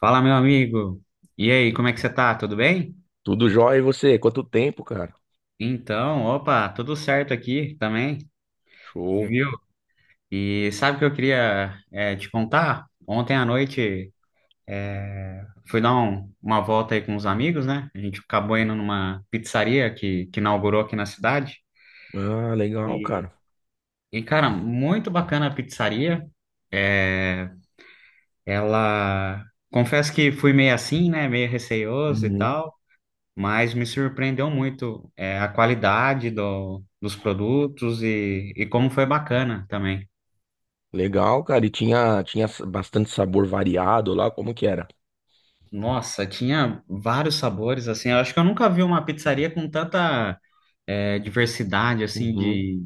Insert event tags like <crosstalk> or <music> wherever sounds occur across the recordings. Fala, meu amigo. E aí, como é que você tá? Tudo bem? Tudo jóia e você? Quanto tempo, cara? Então, opa, tudo certo aqui também, Show. viu? E sabe o que eu queria te contar? Ontem à noite fui dar uma volta aí com os amigos, né? A gente acabou indo numa pizzaria que inaugurou aqui na cidade. Ah, legal, E, cara. e cara, muito bacana a pizzaria. É, ela. Confesso que fui meio assim, né? Meio receioso e Uhum. tal. Mas me surpreendeu muito a qualidade dos produtos e como foi bacana também. Legal, cara. E bastante sabor variado lá, como que era? Nossa, tinha vários sabores, assim, eu acho que eu nunca vi uma pizzaria com tanta diversidade, assim, Uhum, de,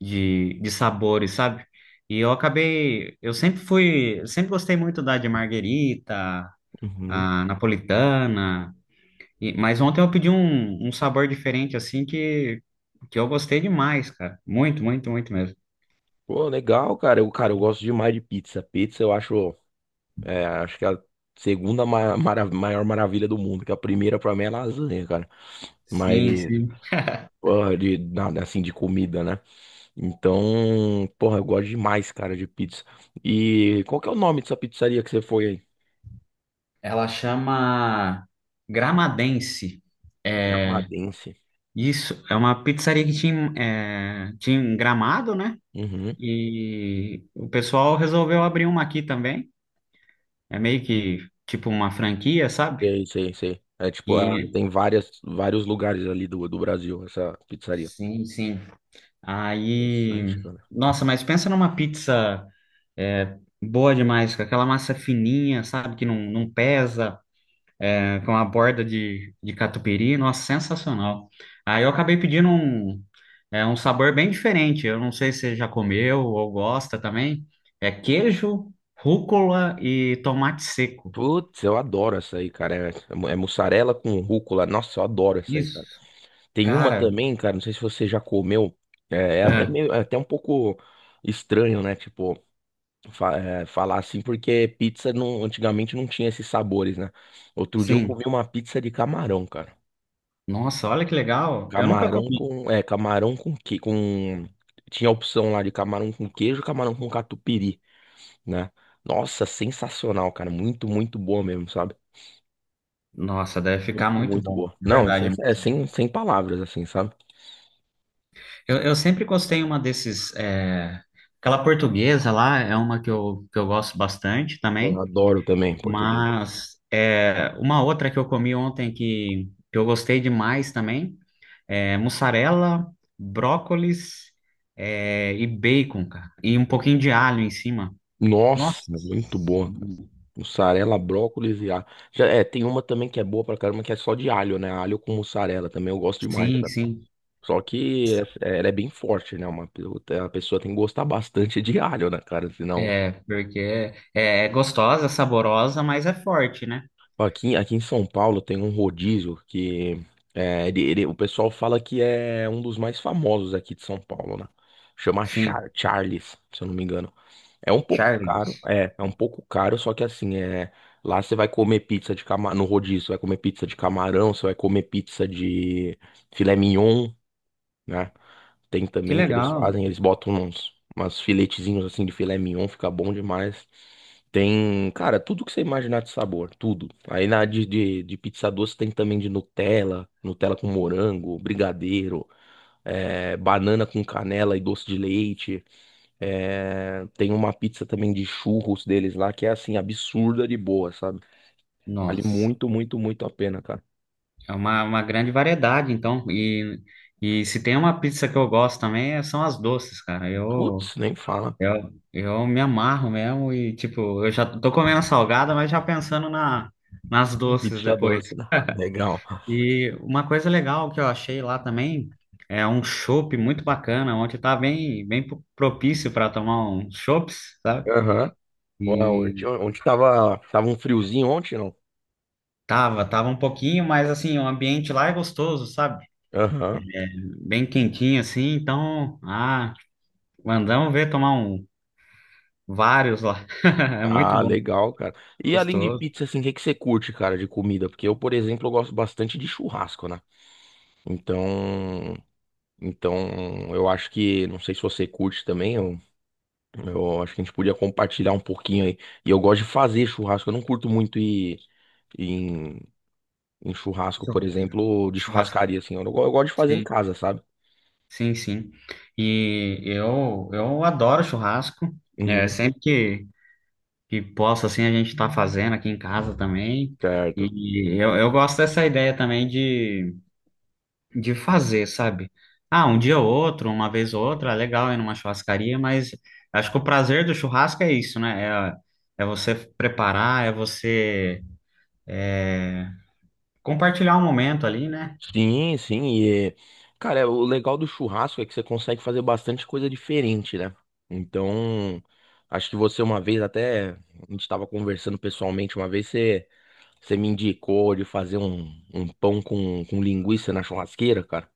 de, de sabores, sabe? E eu acabei, eu sempre fui, eu sempre gostei muito da de marguerita, uhum. a napolitana, mas ontem eu pedi um sabor diferente, assim, que eu gostei demais, cara, muito, muito, muito mesmo. Pô, legal, cara. Eu, cara, eu gosto demais de pizza. Pizza eu acho, acho que é a segunda maior maravilha do mundo, que a primeira pra mim é lasanha, cara. Sim, Mas, sim. porra, nada assim, de comida, né? Então, porra, eu gosto demais, cara, de pizza. E qual que é o nome dessa pizzaria que você foi aí? Ela chama Gramadense. É, Gramadense. isso, é uma pizzaria que tinha, tinha em Gramado, né? Uhum. E o pessoal resolveu abrir uma aqui também. É meio que tipo uma franquia, sabe? Sei, sei, sei. É tipo, ah, E tem vários lugares ali do Brasil, essa pizzaria. sim, sim. Aí, Interessante, cara. nossa, mas pensa numa pizza é, boa demais, com aquela massa fininha, sabe? Que não pesa. Com a borda de catupiry, nossa, sensacional. Aí eu acabei pedindo um sabor bem diferente. Eu não sei se você já comeu ou gosta também. É queijo, rúcula e tomate seco. Putz, eu adoro essa aí, cara. É mussarela com rúcula. Nossa, eu adoro essa aí, cara. Isso, Tem uma cara, também, cara, não sei se você já comeu. É, é até é, meio, é até um pouco estranho, né? Tipo, falar assim, porque pizza não, antigamente não tinha esses sabores, né? Outro dia eu comi sim. uma pizza de camarão, cara. Nossa, olha que legal. Eu nunca Camarão comi. com. Camarão com que com. Tinha a opção lá de camarão com queijo, camarão com catupiry, né? Nossa, sensacional, cara. Muito, muito boa mesmo, sabe? Nossa, deve ficar Muito, muito muito bom, boa. de Não, verdade. Sem palavras, assim, sabe? Eu sempre gostei uma desses. Aquela portuguesa lá é uma que eu gosto bastante Eu também. adoro também português. Mas é, uma outra que eu comi ontem que eu gostei demais também é mussarela, brócolis e bacon, cara. E um pouquinho de alho em cima. Nossa, Nossa, muito boa, cara. Mussarela, brócolis e alho. Já, é, tem uma também que é boa pra caramba, que é só de alho, né? Alho com mussarela também eu gosto demais, sim, cara. sim. Só que ela é bem forte, né? A pessoa tem que gostar bastante de alho, né, cara? Senão. É, porque é gostosa, saborosa, mas é forte, né? Aqui em São Paulo tem um rodízio que o pessoal fala que é um dos mais famosos aqui de São Paulo, né? Chama Sim, Charles, se eu não me engano. É um pouco caro, Charles. É um pouco caro, só que assim, lá você vai comer pizza de camarão, no rodízio, você vai comer pizza de camarão, você vai comer pizza de filé mignon, né? Tem Que também que eles legal. fazem, eles botam umas filetezinhos assim de filé mignon, fica bom demais. Tem, cara, tudo que você imaginar de sabor, tudo. Aí na de pizza doce tem também de Nutella, Nutella com morango, brigadeiro, banana com canela e doce de leite. É, tem uma pizza também de churros deles lá que é assim, absurda de boa, sabe? Vale Nossa, muito, muito, muito a pena, cara. é uma grande variedade, então. E se tem uma pizza que eu gosto também, são as doces, cara. Putz, nem fala. Eu me amarro mesmo e, tipo, eu já tô comendo salgada, mas já pensando nas doces Pizza depois. doce, né? Legal. E uma coisa legal que eu achei lá também é um chopp muito bacana, onde tá bem, propício para tomar uns chopps, sabe? Aham. Uau, ontem E ontem tava um friozinho ontem, não? tava, tava um pouquinho, mas assim, o ambiente lá é gostoso, sabe? Aham. Bem quentinho assim, então, ah, mandamos ver tomar um, vários lá. <laughs> É muito Ah, bom, legal, cara. E além de gostoso. pizza, assim, o que que você curte, cara, de comida? Porque eu, por exemplo, eu gosto bastante de churrasco, né? Então, então, eu acho que, não sei se você curte também, eu acho que a gente podia compartilhar um pouquinho aí. E eu gosto de fazer churrasco, eu não curto muito ir, ir em, em churrasco, por exemplo, de Churrasco. churrascaria, assim, eu, não go- eu gosto de fazer em casa, sabe? Sim, sim. E eu adoro churrasco. É, Uhum. sempre que posso, assim, a gente tá fazendo aqui em casa também. Certo. E eu gosto dessa ideia também de fazer, sabe? Ah, um dia ou outro, uma vez ou outra, é legal ir numa churrascaria, mas acho que o prazer do churrasco é isso, né? É, é você preparar, é você compartilhar um momento ali, né? Sim, sim. E, cara, o legal do churrasco é que você consegue fazer bastante coisa diferente, né? Então, acho que você uma vez até, a gente estava conversando pessoalmente uma vez, você me indicou de fazer um pão com linguiça na churrasqueira, cara,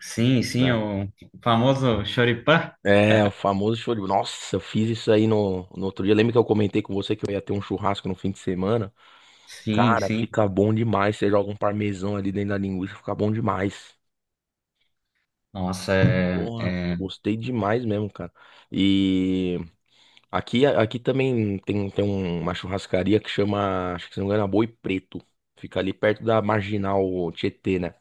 Sim, sim, né? o famoso choripã. É, o famoso show de... Nossa, eu fiz isso aí no outro dia. Lembra que eu comentei com você que eu ia ter um churrasco no fim de semana? Sim, Cara, sim. fica bom demais. Você joga um parmesão ali dentro da linguiça, fica bom demais. Nossa, é. Porra, É gostei demais mesmo, cara. E aqui também tem, uma churrascaria que chama, acho que se não me engano, é Boi Preto. Fica ali perto da Marginal Tietê, né?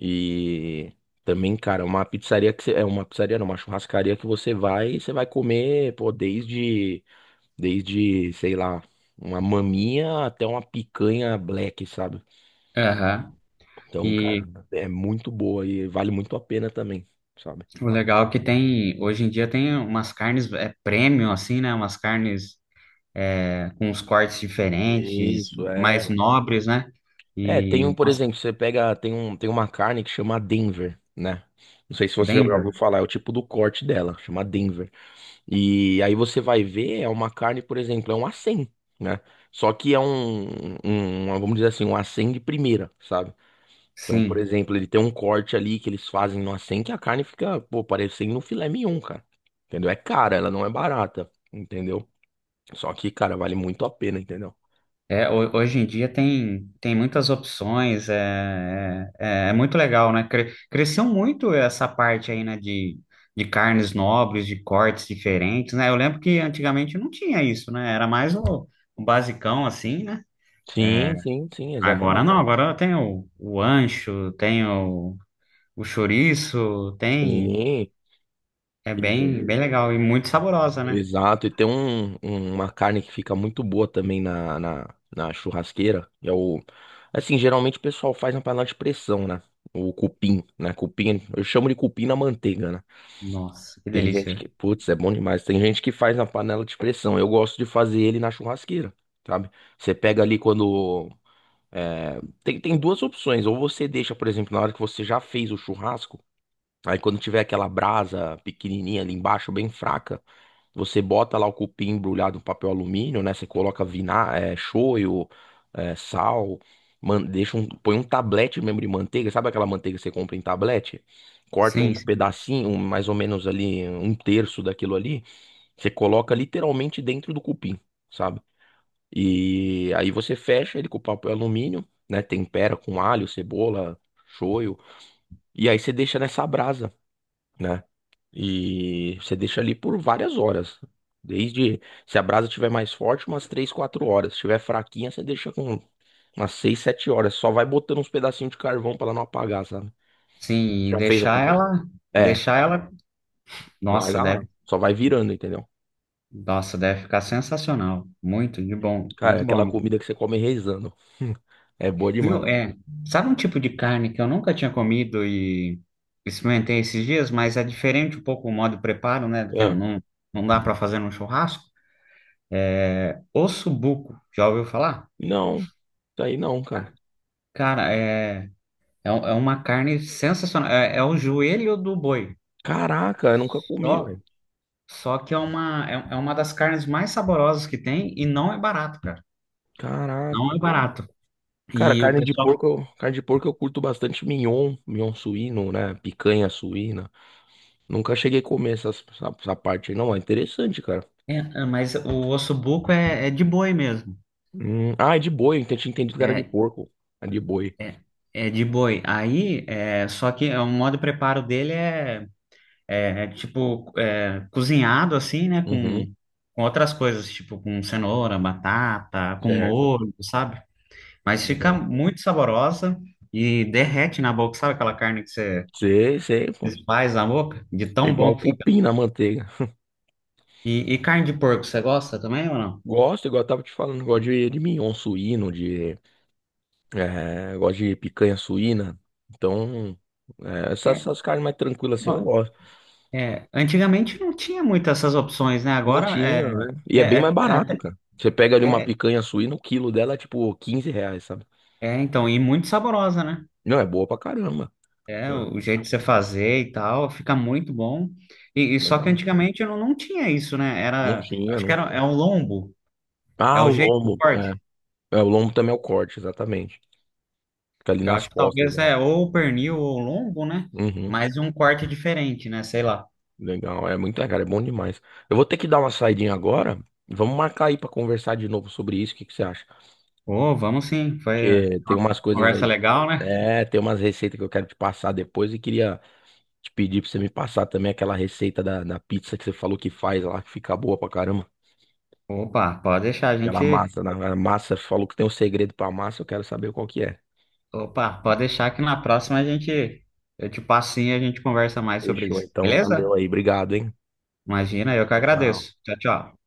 E também, cara, uma pizzaria que você, é uma pizzaria, não, uma churrascaria que você vai e você vai comer, pô, desde, sei lá, uma maminha até uma picanha black, sabe? aham. Então, E cara, é muito boa e vale muito a pena também. Sabe? o legal é que tem, hoje em dia tem umas carnes premium, assim, né? Umas carnes com uns cortes diferentes, Isso, mais é. nobres, né? É, E, por nossa, exemplo, você pega, tem uma carne que chama Denver, né? Não sei se você já ouviu Denver, falar, é o tipo do corte dela, chama Denver. E aí você vai ver, é uma carne, por exemplo, é um acém, né? Só que é um, vamos dizer assim, um acém de primeira, sabe? Então, por sim. exemplo, ele tem um corte ali que eles fazem no acém que a carne fica, pô, parecendo um filé mignon, cara. Entendeu? É cara, ela não é barata, entendeu? Só que, cara, vale muito a pena, entendeu? É, hoje em dia tem, tem muitas opções, é muito legal, né? Cresceu muito essa parte aí, né? De carnes nobres, de cortes diferentes, né? Eu lembro que antigamente não tinha isso, né? Era mais o basicão, assim, né? Sim, sim, sim, Agora não, exatamente. agora tem o ancho, tem o chouriço, tem. Sim. É bem, E, bem legal e muito saborosa, né? exato, e tem uma carne que fica muito boa também na churrasqueira. É o, assim, geralmente o pessoal faz na panela de pressão, né? O cupim, né? Cupim, eu chamo de cupim na manteiga, né? Nossa, que Tem gente delícia. que, putz, é bom demais. Tem gente que faz na panela de pressão. Eu gosto de fazer ele na churrasqueira, sabe? Você pega ali quando. Tem duas opções. Ou você deixa, por exemplo, na hora que você já fez o churrasco. Aí quando tiver aquela brasa pequenininha ali embaixo, bem fraca, você bota lá o cupim embrulhado em papel alumínio, né? Você coloca shoyu, sal, põe um tablete mesmo de manteiga, sabe aquela manteiga que você compra em tablete? Corta Sim, uns sim. pedacinhos, mais ou menos ali, um terço daquilo ali, você coloca literalmente dentro do cupim, sabe? E aí você fecha ele com papel alumínio, né? Tempera com alho, cebola, shoyu, e aí você deixa nessa brasa né? E você deixa ali por várias horas. Desde, se a brasa estiver mais forte, umas 3, 4 horas. Se estiver fraquinha, você deixa com umas 6, 7 horas. Só vai botando uns pedacinhos de carvão para ela não apagar, sabe? Sim, e Já fez alguma vez? É, deixar ela, nossa, larga lá. deve, Só vai virando, entendeu? nossa, deve ficar sensacional. Muito de bom, Cara, é muito aquela bom. comida que você come rezando. <laughs> É boa Viu? demais. É, sabe um tipo de carne que eu nunca tinha comido e experimentei esses dias, mas é diferente um pouco o modo de preparo, né? Porque Ah, não, não dá para fazer num churrasco? Ossobuco, já ouviu falar? não, isso aí não, cara. Cara, é uma carne sensacional. É, é o joelho do boi. Caraca, eu nunca comi, Só, velho. só que é uma, é uma das carnes mais saborosas que tem e não é barato, cara. Não Caraca, é pô. barato. Cara, E o carne de pessoal. porco, carne de porco eu curto bastante mignon, mignon suíno, né? Picanha suína. Nunca cheguei a comer essa parte aí. Não, é interessante, cara. É, é, mas o ossobuco é, é de boi mesmo. Hum, ah, é de boi. Eu tinha entendido que era de É, porco. É de boi. é, é de boi. Aí, é, só que é, o modo de preparo dele é, é tipo cozinhado assim, né? Uhum, Com outras coisas, tipo com cenoura, batata, com certo. molho, sabe? Mas fica Legal. muito saborosa e derrete na boca. Sabe aquela carne que você Sei, sei, pô. desfaz na boca? De tão Igual bom que fica. cupim na manteiga. E carne de porco, você gosta também ou não? Gosto, igual eu tava te falando, gosto de mignon suíno, gosto de picanha suína. Então, é, essas, É, essas carnes mais tranquilas assim eu ó, gosto. é, antigamente não tinha muitas essas opções, né? Não Agora tinha, né? E é, é bem mais é, é barato, até- cara. Você pega ali uma é- picanha suína, o quilo dela é tipo R$ 15, sabe? Então, e muito saborosa, né? Não, é boa pra caramba. É, É, o jeito de você fazer e tal, fica muito bom. E só que legal. antigamente não tinha isso, né? Não Era, tinha, acho que não era, tinha. é um lombo, é Ah, o o jeito do lombo. corte. É, o lombo também é o corte, exatamente. Fica ali Eu nas acho que costas. talvez Né? é ou o pernil ou o lombo, né? Uhum, Mas um corte diferente, né? Sei lá. legal. É muito legal, é bom demais. Eu vou ter que dar uma saidinha agora. Vamos marcar aí pra conversar de novo sobre isso. O que que você acha? Ô, vamos sim. Foi Porque tem umas coisas conversa aí. legal, né? É, tem umas receitas que eu quero te passar depois e queria te pedir pra você me passar também aquela receita da pizza que você falou que faz lá, que fica boa pra caramba. Opa, pode deixar a Aquela gente. massa, né? A massa falou que tem um segredo pra massa, eu quero saber qual que é. Opa, pode deixar que na próxima a gente. Eu te passo sim e a gente conversa mais sobre Fechou, isso. então. Beleza? Valeu aí. Obrigado, hein? Imagina, eu que Tchau, tchau. agradeço. Tchau, tchau.